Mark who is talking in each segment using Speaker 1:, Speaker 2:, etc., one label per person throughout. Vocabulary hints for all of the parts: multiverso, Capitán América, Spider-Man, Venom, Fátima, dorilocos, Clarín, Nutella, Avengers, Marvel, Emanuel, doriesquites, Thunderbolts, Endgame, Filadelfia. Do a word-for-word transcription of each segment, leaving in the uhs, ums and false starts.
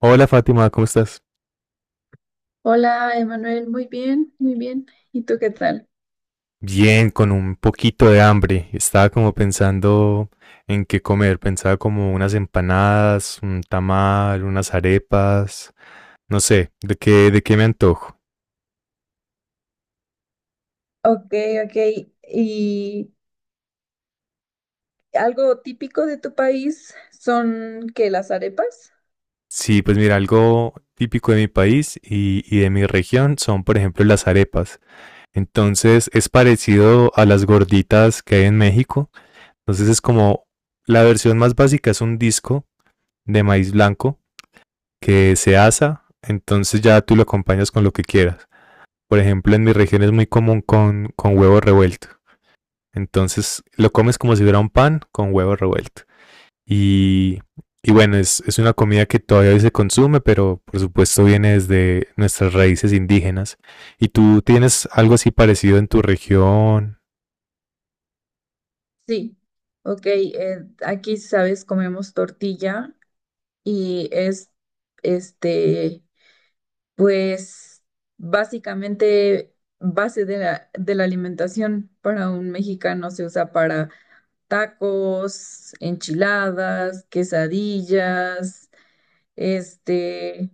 Speaker 1: Hola Fátima, ¿cómo estás?
Speaker 2: Hola, Emanuel, muy bien, muy bien. ¿Y tú qué tal?
Speaker 1: Bien, con un poquito de hambre. Estaba como pensando en qué comer. Pensaba como unas empanadas, un tamal, unas arepas. No sé, ¿de qué, de qué me antojo?
Speaker 2: Ok, ok. ¿Y algo típico de tu país son que las arepas?
Speaker 1: Sí, pues mira, algo típico de mi país y, y de mi región son, por ejemplo, las arepas. Entonces es parecido a las gorditas que hay en México. Entonces es como la versión más básica es un disco de maíz blanco que se asa, entonces ya tú lo acompañas con lo que quieras. Por ejemplo, en mi región es muy común con, con huevo revuelto. Entonces lo comes como si fuera un pan con huevo revuelto. Y, y bueno, es, es una comida que todavía hoy se consume, pero por supuesto viene desde nuestras raíces indígenas. ¿Y tú tienes algo así parecido en tu región?
Speaker 2: Sí. Ok, eh, aquí, sabes, comemos tortilla y es, este, pues, básicamente base de la, de la alimentación para un mexicano se usa para tacos, enchiladas, quesadillas, este...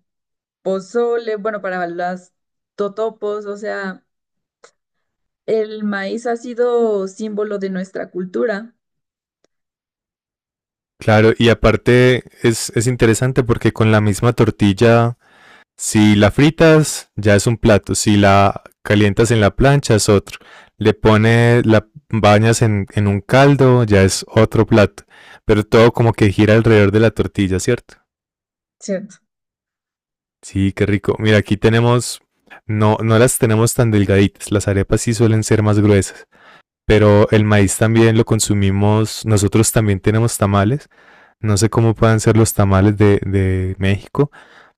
Speaker 2: pozole, bueno, para las totopos, o sea, el maíz ha sido símbolo de nuestra cultura,
Speaker 1: Claro, y aparte es, es interesante porque con la misma tortilla, si la fritas, ya es un plato. Si la calientas en la plancha, es otro. Le pones, la bañas en, en un caldo, ya es otro plato. Pero todo como que gira alrededor de la tortilla, ¿cierto?
Speaker 2: ¿cierto?
Speaker 1: Sí, qué rico. Mira, aquí tenemos, no, no las tenemos tan delgaditas. Las arepas sí suelen ser más gruesas. Pero el maíz también lo consumimos. Nosotros también tenemos tamales. No sé cómo puedan ser los tamales de, de México.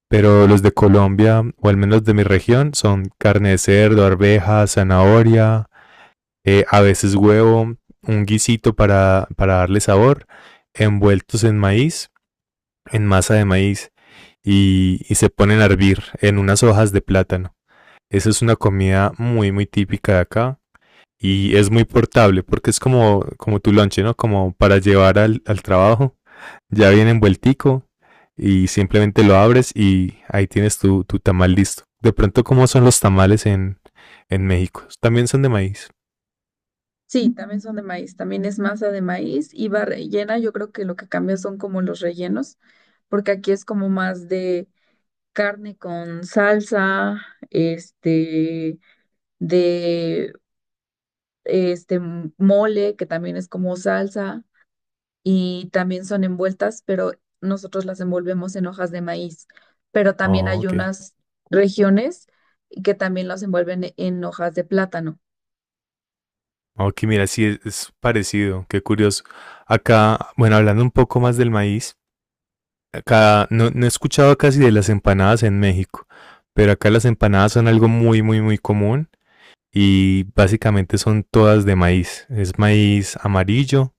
Speaker 1: Pero los de Colombia, o al menos de mi región, son carne de cerdo, arveja, zanahoria, eh, a veces huevo, un guisito para, para darle sabor, envueltos en maíz, en masa de maíz, y, y se ponen a hervir en unas hojas de plátano. Esa es una comida muy, muy típica de acá y es muy portable porque es como, como tu lonche, ¿no? Como para llevar al, al trabajo. Ya viene envueltico, y simplemente lo abres y ahí tienes tu, tu tamal listo. De pronto, ¿cómo son los tamales en, en México? También son de maíz.
Speaker 2: Sí, también son de maíz, también es masa de maíz y va rellena, yo creo que lo que cambia son como los rellenos, porque aquí es como más de carne con salsa, este, de este mole, que también es como salsa. Y también son envueltas, pero nosotros las envolvemos en hojas de maíz. Pero también
Speaker 1: Oh,
Speaker 2: hay
Speaker 1: ok.
Speaker 2: unas regiones que también las envuelven e, en hojas de plátano.
Speaker 1: Ok, mira, sí, es, es parecido, qué curioso. Acá, bueno, hablando un poco más del maíz, acá no, no he escuchado casi de las empanadas en México, pero acá las empanadas son algo muy, muy, muy común y básicamente son todas de maíz. Es maíz amarillo,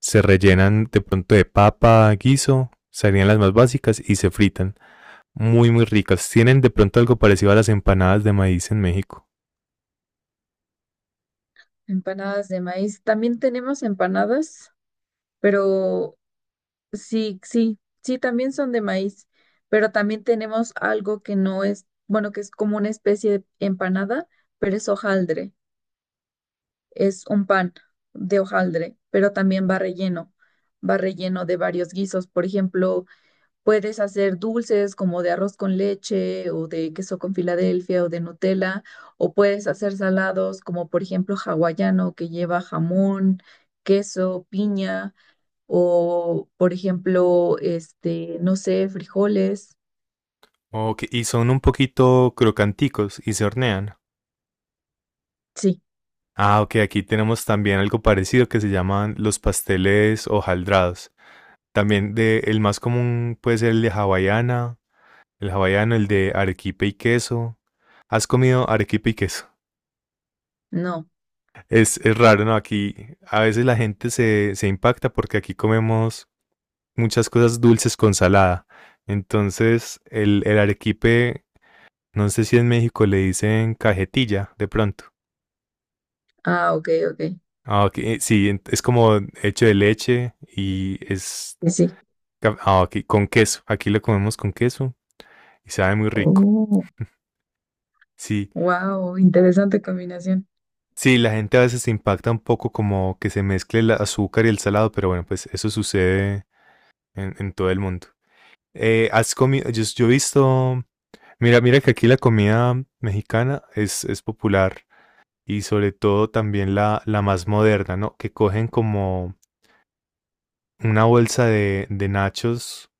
Speaker 1: se rellenan de pronto de papa, guiso, serían las más básicas y se fritan. Muy, muy ricas. Tienen de pronto algo parecido a las empanadas de maíz en México.
Speaker 2: Empanadas de maíz. También tenemos empanadas, pero sí, sí, sí, también son de maíz. Pero también tenemos algo que no es, bueno, que es como una especie de empanada, pero es hojaldre. Es un pan de hojaldre, pero también va relleno. Va relleno de varios guisos. Por ejemplo, puedes hacer dulces como de arroz con leche o de queso con Filadelfia o de Nutella, o puedes hacer salados como por ejemplo hawaiano que lleva jamón, queso, piña o por ejemplo, este, no sé, frijoles.
Speaker 1: Ok, y son un poquito crocanticos y se hornean.
Speaker 2: Sí,
Speaker 1: Ah, ok, aquí tenemos también algo parecido que se llaman los pasteles hojaldrados. También de, el más común puede ser el de hawaiana, el hawaiano, el de arequipe y queso. ¿Has comido arequipe y queso?
Speaker 2: no.
Speaker 1: Es, es raro, ¿no? Aquí a veces la gente se, se impacta porque aquí comemos muchas cosas dulces con salada. Entonces, el, el arequipe. No sé si en México le dicen cajetilla de pronto.
Speaker 2: Ah, ok, ok.
Speaker 1: Ah, ok, eh, sí, es como hecho de leche y es
Speaker 2: Sí, sí.
Speaker 1: ca- ah, ok, con queso. Aquí lo comemos con queso y sabe muy rico.
Speaker 2: Oh,
Speaker 1: Sí,
Speaker 2: wow, interesante combinación.
Speaker 1: sí, la gente a veces se impacta un poco como que se mezcle el azúcar y el salado, pero bueno, pues eso sucede en, en todo el mundo. Eh, has comido, yo, yo he visto, mira, mira que aquí la comida mexicana es, es popular y sobre todo también la, la más moderna, ¿no? Que cogen como una bolsa de, de nachos,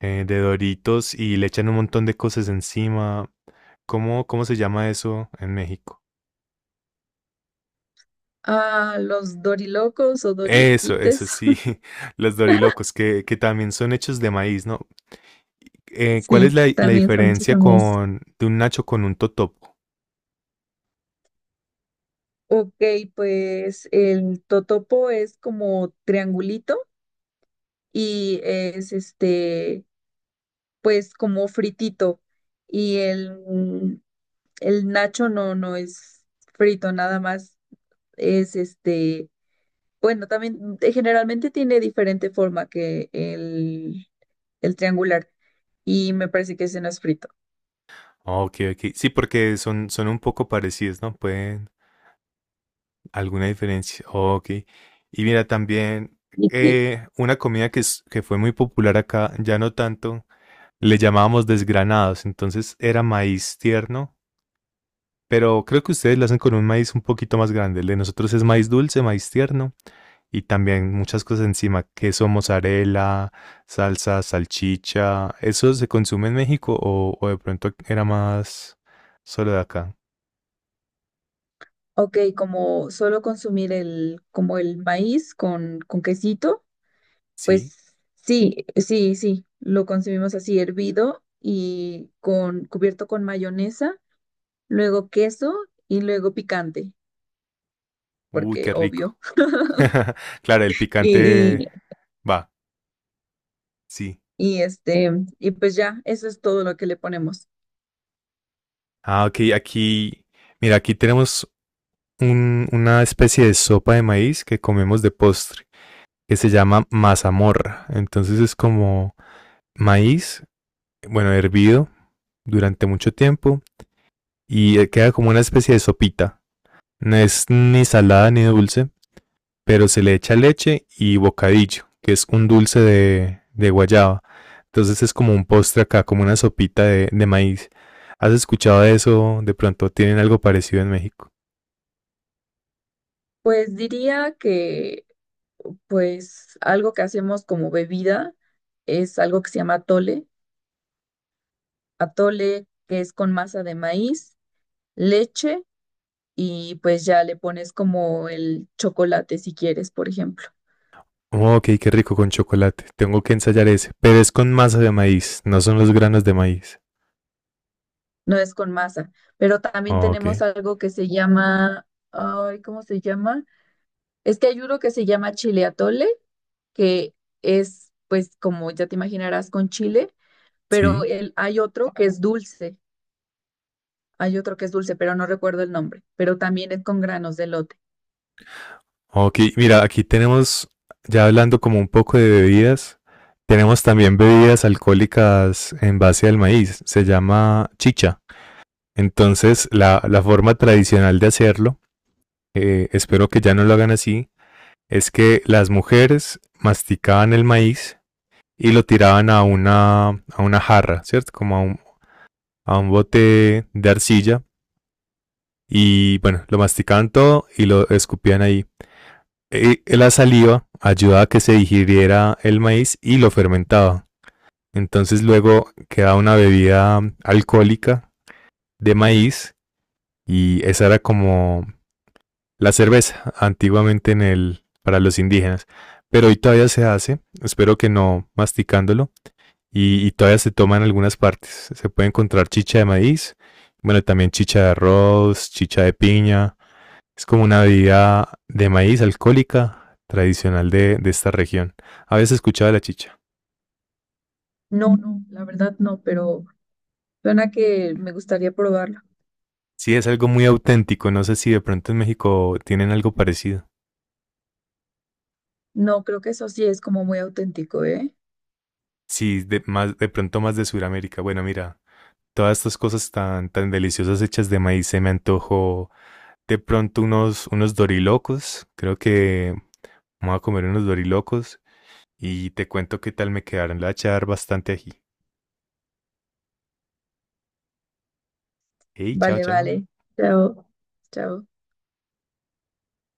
Speaker 1: eh, de doritos y le echan un montón de cosas encima. ¿Cómo, cómo se llama eso en México?
Speaker 2: Ah, los dorilocos o
Speaker 1: Eso, eso
Speaker 2: doriesquites.
Speaker 1: sí, los dorilocos, que, que también son hechos de maíz, ¿no? Eh, ¿cuál es
Speaker 2: Sí,
Speaker 1: la, la
Speaker 2: también son hechos
Speaker 1: diferencia
Speaker 2: a mí.
Speaker 1: con, de un nacho con un totopo?
Speaker 2: Ok, pues el totopo es como triangulito y es este, pues como fritito. Y el, mm, el nacho no, no es frito, nada más es este, bueno, también eh, generalmente tiene diferente forma que el, el triangular y me parece que ese no es frito.
Speaker 1: Ok, ok. Sí, porque son, son un poco parecidos, ¿no? Pueden, alguna diferencia. Ok. Y mira, también
Speaker 2: Y sí,
Speaker 1: eh, una comida que, es- que fue muy popular acá, ya no tanto, le llamábamos desgranados, entonces era maíz tierno, pero creo que ustedes lo hacen con un maíz un poquito más grande. El de nosotros es maíz dulce, maíz tierno y también muchas cosas encima, queso, mozzarella, salsa, salchicha. ¿Eso se consume en México o, o de pronto era más solo de acá?
Speaker 2: ok, como solo consumir el, como el maíz con, con quesito.
Speaker 1: Sí.
Speaker 2: Pues sí, sí, sí, lo consumimos así hervido y con cubierto con mayonesa, luego queso y luego picante,
Speaker 1: Uy,
Speaker 2: porque
Speaker 1: qué
Speaker 2: obvio.
Speaker 1: rico. Claro, el
Speaker 2: Y,
Speaker 1: picante
Speaker 2: y,
Speaker 1: va, sí.
Speaker 2: y, este, y pues ya, eso es todo lo que le ponemos.
Speaker 1: Ah, ok, aquí, mira, aquí tenemos un- una especie de sopa de maíz que comemos de postre, que se llama mazamorra. Entonces es como maíz, bueno, hervido durante mucho tiempo y eh, queda como una especie de sopita. No es ni salada ni dulce, pero se le echa leche y bocadillo, que es un dulce de, de guayaba. Entonces es como un postre acá, como una sopita de, de maíz. ¿Has escuchado de eso? De pronto tienen algo parecido en México.
Speaker 2: Pues diría que pues algo que hacemos como bebida es algo que se llama atole, atole que es con masa de maíz, leche y pues ya le pones como el chocolate si quieres, por ejemplo.
Speaker 1: Oh, ok, qué rico con chocolate. Tengo que ensayar ese. Pero es con masa de maíz, no son los granos de maíz.
Speaker 2: No es con masa, pero también
Speaker 1: Oh, ok.
Speaker 2: tenemos algo que se llama, ay, ¿cómo se llama? Es que hay uno que se llama chile atole, que es, pues, como ya te imaginarás, con chile, pero
Speaker 1: Sí.
Speaker 2: el- hay otro que es dulce, hay otro que es dulce, pero no recuerdo el nombre, pero también es con granos de elote.
Speaker 1: Ok, mira, aquí tenemos, ya hablando como un poco de bebidas, tenemos también bebidas alcohólicas en base al maíz. Se llama chicha. Entonces, la, la forma tradicional de hacerlo, eh, espero que ya no lo hagan así, es que las mujeres masticaban el maíz y lo tiraban a una, a una jarra, ¿cierto? Como a un, a un bote de arcilla y bueno, lo masticaban todo y lo escupían ahí. Eh, la saliva ayudaba a que se digiriera el maíz y lo fermentaba. Entonces luego quedaba una bebida alcohólica de maíz y esa era como la cerveza antiguamente en el, para los indígenas. Pero hoy todavía se hace, espero que no masticándolo, y, y todavía se toma en algunas partes. Se puede encontrar chicha de maíz, bueno, también chicha de arroz, chicha de piña, es como una bebida de maíz alcohólica tradicional de, de esta región. Habías escuchado de la chicha.
Speaker 2: No, no, la verdad no, pero suena que me gustaría probarlo.
Speaker 1: Sí, es algo muy auténtico. No sé si de pronto en México tienen algo parecido.
Speaker 2: No, creo que eso sí es como muy auténtico, ¿eh?
Speaker 1: Sí, de, más, de pronto más de Sudamérica. Bueno, mira, todas estas cosas tan, tan deliciosas hechas de maíz se me antojó de pronto unos, unos dorilocos. Creo que vamos a comer unos dorilocos y te cuento qué tal me quedaron. Le voy a echar bastante ají. Hey, chao,
Speaker 2: Vale,
Speaker 1: chao.
Speaker 2: vale. Chao, chao.